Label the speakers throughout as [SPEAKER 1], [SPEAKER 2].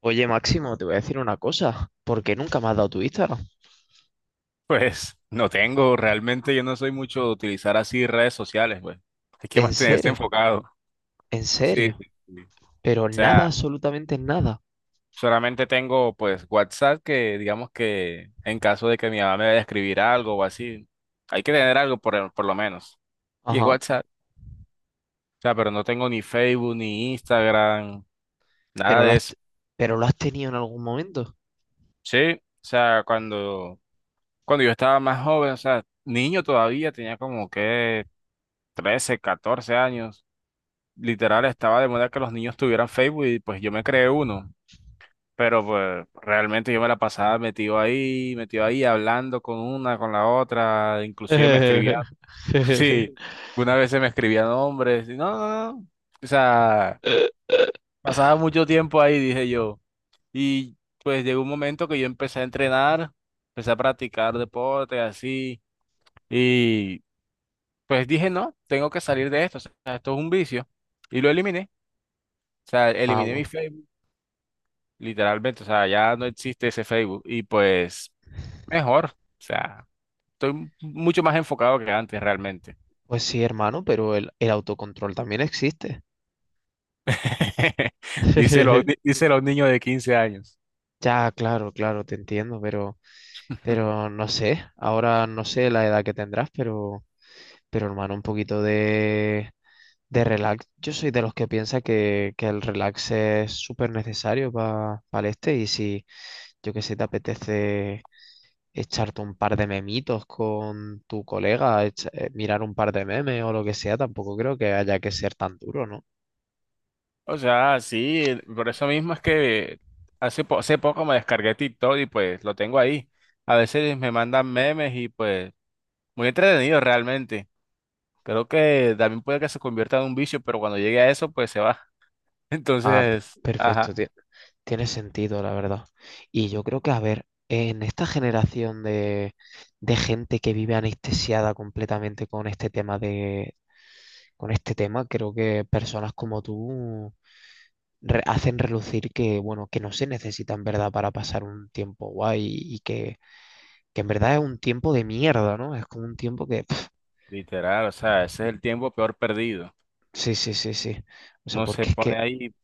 [SPEAKER 1] Oye, Máximo, te voy a decir una cosa. ¿Por qué nunca me has dado tu Instagram?
[SPEAKER 2] Pues no tengo, realmente yo no soy mucho de utilizar así redes sociales, pues. Hay que
[SPEAKER 1] En
[SPEAKER 2] mantenerse
[SPEAKER 1] serio,
[SPEAKER 2] enfocado.
[SPEAKER 1] en
[SPEAKER 2] Sí,
[SPEAKER 1] serio.
[SPEAKER 2] sí, sí. O
[SPEAKER 1] Pero nada,
[SPEAKER 2] sea,
[SPEAKER 1] absolutamente nada.
[SPEAKER 2] solamente tengo pues WhatsApp que digamos que en caso de que mi mamá me vaya a escribir algo o así, hay que tener algo por lo menos. Y es
[SPEAKER 1] Ajá.
[SPEAKER 2] WhatsApp. O sea, pero no tengo ni Facebook, ni Instagram, nada
[SPEAKER 1] Pero lo
[SPEAKER 2] de
[SPEAKER 1] has,
[SPEAKER 2] eso.
[SPEAKER 1] pero lo has tenido en algún momento.
[SPEAKER 2] Sí, o sea, cuando yo estaba más joven, o sea, niño todavía, tenía como que 13 14 años. Literal estaba de moda que los niños tuvieran Facebook y pues yo me creé uno, pero pues realmente yo me la pasaba metido ahí, hablando con una, con la otra, inclusive me escribía, sí, una vez se me escribían nombres, y no, no, no, no. O sea, pasaba mucho tiempo ahí, dije yo, y pues llegó un momento que yo empecé a entrenar, empecé a practicar deporte, así, y pues dije, no, tengo que salir de esto, o sea, esto es un vicio, y lo eliminé. O sea,
[SPEAKER 1] Ah,
[SPEAKER 2] eliminé mi
[SPEAKER 1] bueno.
[SPEAKER 2] Facebook. Literalmente, o sea, ya no existe ese Facebook y pues mejor, o sea, estoy mucho más enfocado que antes realmente.
[SPEAKER 1] Pues sí, hermano, pero el autocontrol también existe.
[SPEAKER 2] dice los, díselo a un niño de 15 años.
[SPEAKER 1] Ya, claro, claro, te entiendo, pero no sé. Ahora no sé la edad que tendrás, pero hermano, un poquito de relax. Yo soy de los que piensa que el relax es súper necesario para el este, y si yo que sé te apetece echarte un par de memitos con tu colega, mirar un par de memes o lo que sea, tampoco creo que haya que ser tan duro, ¿no?
[SPEAKER 2] O sea, sí, por eso mismo es que hace poco me descargué TikTok y pues lo tengo ahí. A veces me mandan memes y pues muy entretenido realmente. Creo que también puede que se convierta en un vicio, pero cuando llegue a eso pues se va.
[SPEAKER 1] Ah,
[SPEAKER 2] Entonces,
[SPEAKER 1] perfecto,
[SPEAKER 2] ajá,
[SPEAKER 1] tiene sentido, la verdad. Y yo creo que, a ver, en esta generación de gente que vive anestesiada completamente con este tema de, con este tema, creo que personas como tú hacen relucir que, bueno, que no se necesita en verdad para pasar un tiempo guay y que en verdad es un tiempo de mierda, ¿no? Es como un tiempo que... pf,
[SPEAKER 2] literal, o sea, ese es el tiempo peor perdido.
[SPEAKER 1] sí, sí, sí, sí. O sea,
[SPEAKER 2] No se
[SPEAKER 1] porque es
[SPEAKER 2] pone
[SPEAKER 1] que
[SPEAKER 2] ahí,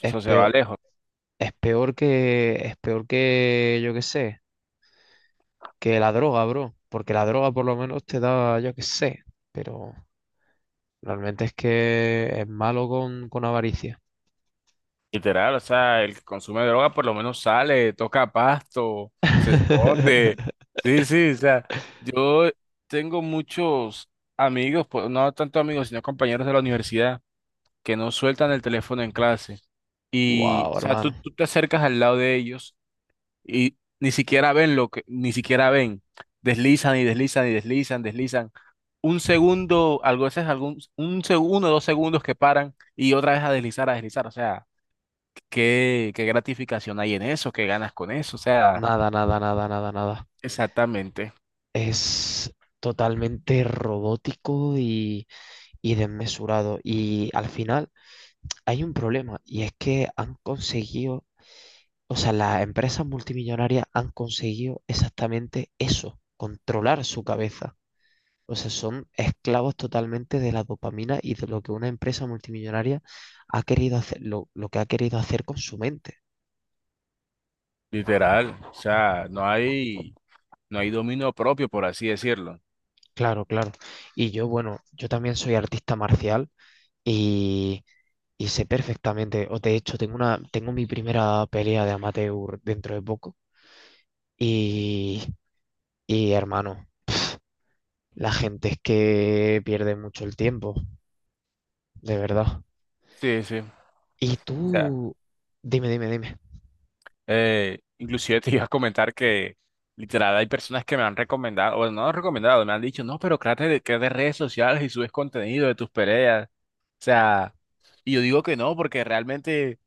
[SPEAKER 1] es
[SPEAKER 2] se va
[SPEAKER 1] peor,
[SPEAKER 2] lejos.
[SPEAKER 1] es peor que, yo qué sé, que la droga, bro. Porque la droga por lo menos te da, yo qué sé, pero realmente es que es malo con avaricia.
[SPEAKER 2] Literal, o sea, el que consume droga por lo menos sale, toca pasto, se esconde. Sí, sí, o sea, yo tengo muchos amigos, pues, no tanto amigos, sino compañeros de la universidad que no sueltan el teléfono en clase. Y,
[SPEAKER 1] Wow,
[SPEAKER 2] o sea, tú,
[SPEAKER 1] hermano.
[SPEAKER 2] tú te acercas al lado de ellos y ni siquiera ven lo que, ni siquiera ven. Deslizan y deslizan y deslizan, deslizan. Un segundo, un segundo, dos segundos que paran y otra vez a deslizar, a deslizar. O sea, qué, qué gratificación hay en eso, qué ganas con eso. O sea,
[SPEAKER 1] Nada, nada, nada, nada, nada.
[SPEAKER 2] exactamente,
[SPEAKER 1] Es totalmente robótico y desmesurado. Y al final hay un problema, y es que han conseguido, o sea, las empresas multimillonarias han conseguido exactamente eso, controlar su cabeza. O sea, son esclavos totalmente de la dopamina y de lo que una empresa multimillonaria ha querido hacer, lo que ha querido hacer con su mente.
[SPEAKER 2] literal. O sea, no hay dominio propio, por así decirlo.
[SPEAKER 1] Claro, claro. Y yo, bueno, yo también soy artista marcial, y Y sé perfectamente, o de hecho tengo una, tengo mi primera pelea de amateur dentro de poco. Y, y hermano, la gente es que pierde mucho el tiempo, de verdad.
[SPEAKER 2] Sí, sí. O
[SPEAKER 1] Y
[SPEAKER 2] sea,
[SPEAKER 1] tú, dime, dime, dime.
[SPEAKER 2] eh, inclusive te iba a comentar que literal hay personas que me han recomendado, o no han recomendado, me han dicho, no, pero créate redes sociales y subes contenido de tus peleas. O sea, y yo digo que no, porque realmente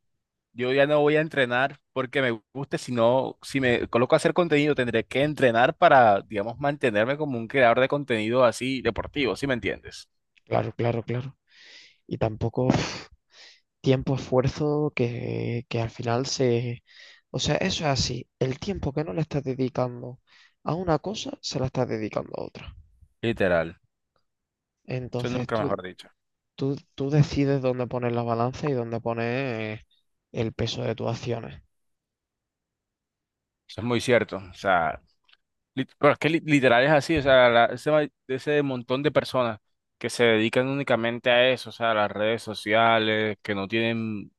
[SPEAKER 2] yo ya no voy a entrenar porque me guste, sino si me coloco a hacer contenido tendré que entrenar para, digamos, mantenerme como un creador de contenido así deportivo, ¿sí me entiendes?
[SPEAKER 1] Claro, claro, claro. Y tampoco pf, tiempo, esfuerzo que al final se... O sea, eso es así. El tiempo que no le estás dedicando a una cosa, se la estás dedicando a otra.
[SPEAKER 2] Literal. Eso
[SPEAKER 1] Entonces
[SPEAKER 2] nunca
[SPEAKER 1] tú,
[SPEAKER 2] mejor dicho.
[SPEAKER 1] Tú decides dónde poner la balanza y dónde poner el peso de tus acciones.
[SPEAKER 2] Eso es muy cierto. O sea, pero es que literal es así, o sea, ese montón de personas que se dedican únicamente a eso, o sea, a las redes sociales, que no tienen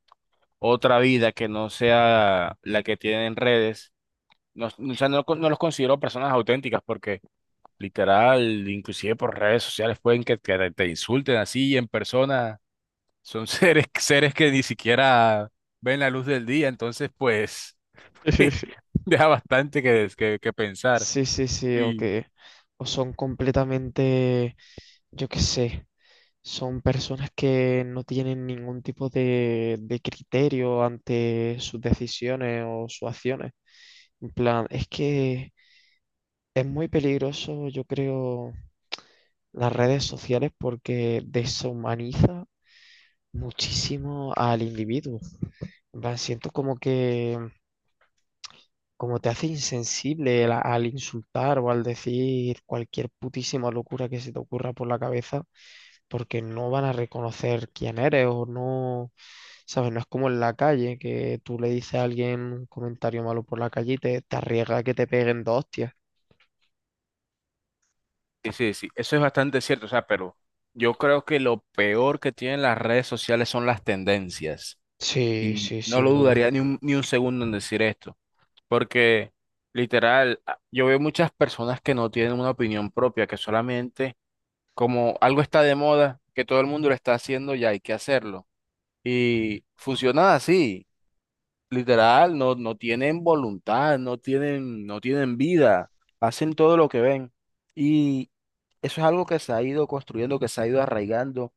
[SPEAKER 2] otra vida que no sea la que tienen en redes, no, o sea, no, no los considero personas auténticas porque literal, inclusive por redes sociales pueden que te insulten así y en persona, son seres que ni siquiera ven la luz del día, entonces pues deja bastante que pensar.
[SPEAKER 1] Sí, sí, sí, o
[SPEAKER 2] Sí.
[SPEAKER 1] que o son completamente, yo qué sé, son personas que no tienen ningún tipo de criterio ante sus decisiones o sus acciones. En plan, es que es muy peligroso, yo creo, las redes sociales, porque deshumaniza muchísimo al individuo. En plan, siento como que como te hace insensible al, al insultar o al decir cualquier putísima locura que se te ocurra por la cabeza, porque no van a reconocer quién eres o no, ¿sabes? No es como en la calle, que tú le dices a alguien un comentario malo por la calle y te arriesga a que te peguen dos hostias.
[SPEAKER 2] Sí, sí, sí, eso es bastante cierto, o sea, pero yo creo que lo peor que tienen las redes sociales son las tendencias.
[SPEAKER 1] Sí,
[SPEAKER 2] Y
[SPEAKER 1] sí,
[SPEAKER 2] no lo
[SPEAKER 1] sin duda.
[SPEAKER 2] dudaría ni un, ni un segundo en decir esto, porque literal, yo veo muchas personas que no tienen una opinión propia, que solamente como algo está de moda, que todo el mundo lo está haciendo, ya hay que hacerlo. Y funciona así. Literal, no, no tienen voluntad, no tienen, no tienen vida, hacen todo lo que ven. Y eso es algo que se ha ido construyendo, que se ha ido arraigando,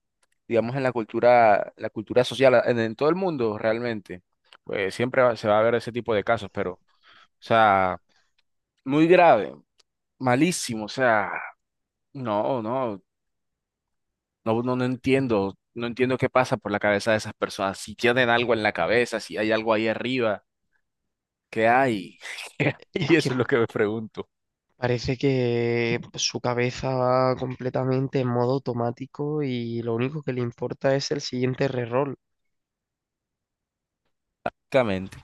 [SPEAKER 2] digamos, en la cultura social, en todo el mundo realmente. Pues se va a ver ese tipo de casos, pero, o sea, muy grave, malísimo, o sea, no, no, no, no, no entiendo, qué pasa por la cabeza de esas personas, si tienen algo en la cabeza, si hay algo ahí arriba. ¿Qué hay? ¿Qué hay?
[SPEAKER 1] Es
[SPEAKER 2] Y
[SPEAKER 1] que
[SPEAKER 2] eso es lo que me pregunto.
[SPEAKER 1] parece que su cabeza va completamente en modo automático y lo único que le importa es el siguiente reroll.
[SPEAKER 2] Exactamente.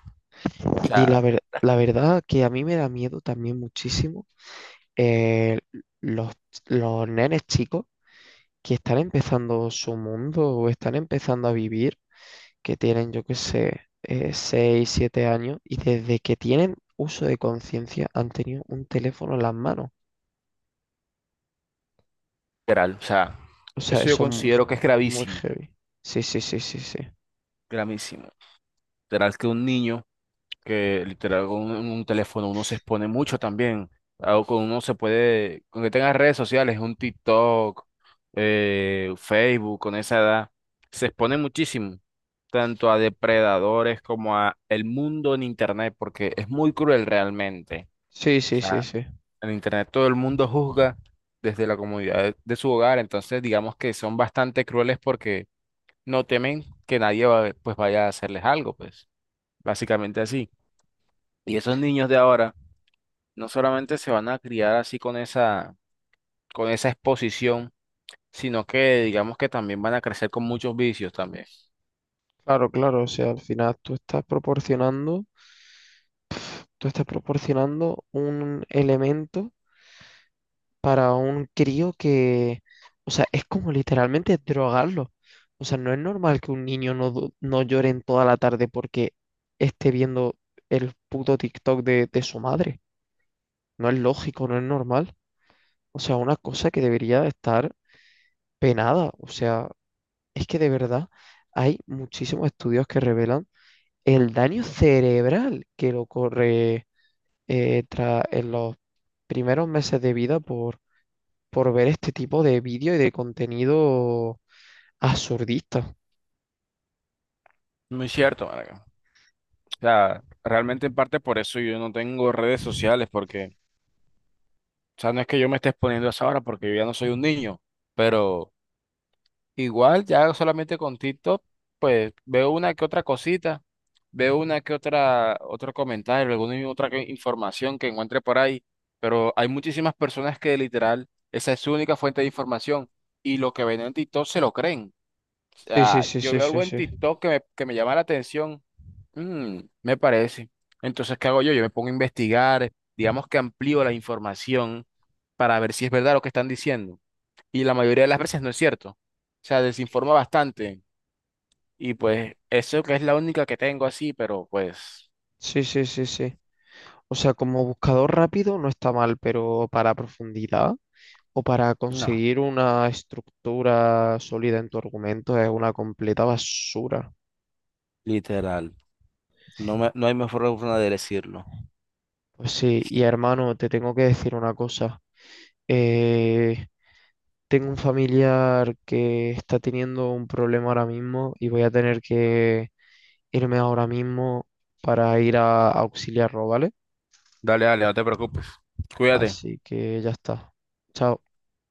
[SPEAKER 2] O
[SPEAKER 1] Y
[SPEAKER 2] sea,
[SPEAKER 1] la verdad que a mí me da miedo también muchísimo eh, los, los nenes chicos que están empezando su mundo o están empezando a vivir, que tienen, yo qué sé, 6 7 años, y desde que tienen uso de conciencia han tenido un teléfono en las manos.
[SPEAKER 2] literal, o sea,
[SPEAKER 1] O sea,
[SPEAKER 2] eso yo
[SPEAKER 1] eso
[SPEAKER 2] considero
[SPEAKER 1] es
[SPEAKER 2] que es
[SPEAKER 1] muy heavy. Sí, sí, sí, sí, sí.
[SPEAKER 2] gravísimo. Literal que un niño que literal con un teléfono uno se expone mucho también. O con uno se puede, con que tenga redes sociales, un TikTok, Facebook, con esa edad, se expone muchísimo, tanto a depredadores como a el mundo en internet, porque es muy cruel realmente.
[SPEAKER 1] Sí, sí, sí, sí.
[SPEAKER 2] En internet todo el mundo juzga desde la comodidad de su hogar, entonces digamos que son bastante crueles porque no temen que nadie va- pues vaya a hacerles algo, pues básicamente así. Y esos niños de ahora no solamente se van a criar así con con esa exposición, sino que digamos que también van a crecer con muchos vicios también.
[SPEAKER 1] Claro, claro. O sea, al final tú estás proporcionando un elemento para un crío que, o sea, es como literalmente drogarlo. O sea, no es normal que un niño no, no llore en toda la tarde porque esté viendo el puto TikTok de su madre. No es lógico, no es normal. O sea, una cosa que debería estar penada. O sea, es que de verdad hay muchísimos estudios que revelan el daño cerebral que le ocurre en los primeros meses de vida por ver este tipo de vídeo y de contenido absurdista.
[SPEAKER 2] Muy cierto, marica. O sea, realmente en parte por eso yo no tengo redes sociales, porque, o sea, no es que yo me esté exponiendo a esa hora porque yo ya no soy un niño, pero igual, ya solamente con TikTok, pues veo una que otra cosita, veo una que otro comentario, alguna información que encuentre por ahí, pero hay muchísimas personas que literal, esa es su única fuente de información y lo que ven en TikTok se lo creen. O
[SPEAKER 1] Sí, sí,
[SPEAKER 2] sea,
[SPEAKER 1] sí,
[SPEAKER 2] yo
[SPEAKER 1] sí,
[SPEAKER 2] veo
[SPEAKER 1] sí,
[SPEAKER 2] algo en
[SPEAKER 1] sí.
[SPEAKER 2] TikTok que me llama la atención, mm, me parece. Entonces, ¿qué hago yo? Yo me pongo a investigar, digamos que amplío la información para ver si es verdad lo que están diciendo y la mayoría de las veces no es cierto. O sea, desinforma bastante y pues eso que es la única que tengo así, pero pues
[SPEAKER 1] Sí, sí, sí, sí. O sea, como buscador rápido no está mal, pero para profundidad o para
[SPEAKER 2] no.
[SPEAKER 1] conseguir una estructura sólida en tu argumento es una completa basura.
[SPEAKER 2] Literal. No me, no hay mejor forma de decirlo.
[SPEAKER 1] Pues sí, y hermano, te tengo que decir una cosa. Eh, tengo un familiar que está teniendo un problema ahora mismo y voy a tener que... irme ahora mismo para ir a auxiliarlo, ¿vale?
[SPEAKER 2] Dale, dale, no te preocupes. Cuídate.
[SPEAKER 1] Así que ya está. Chao.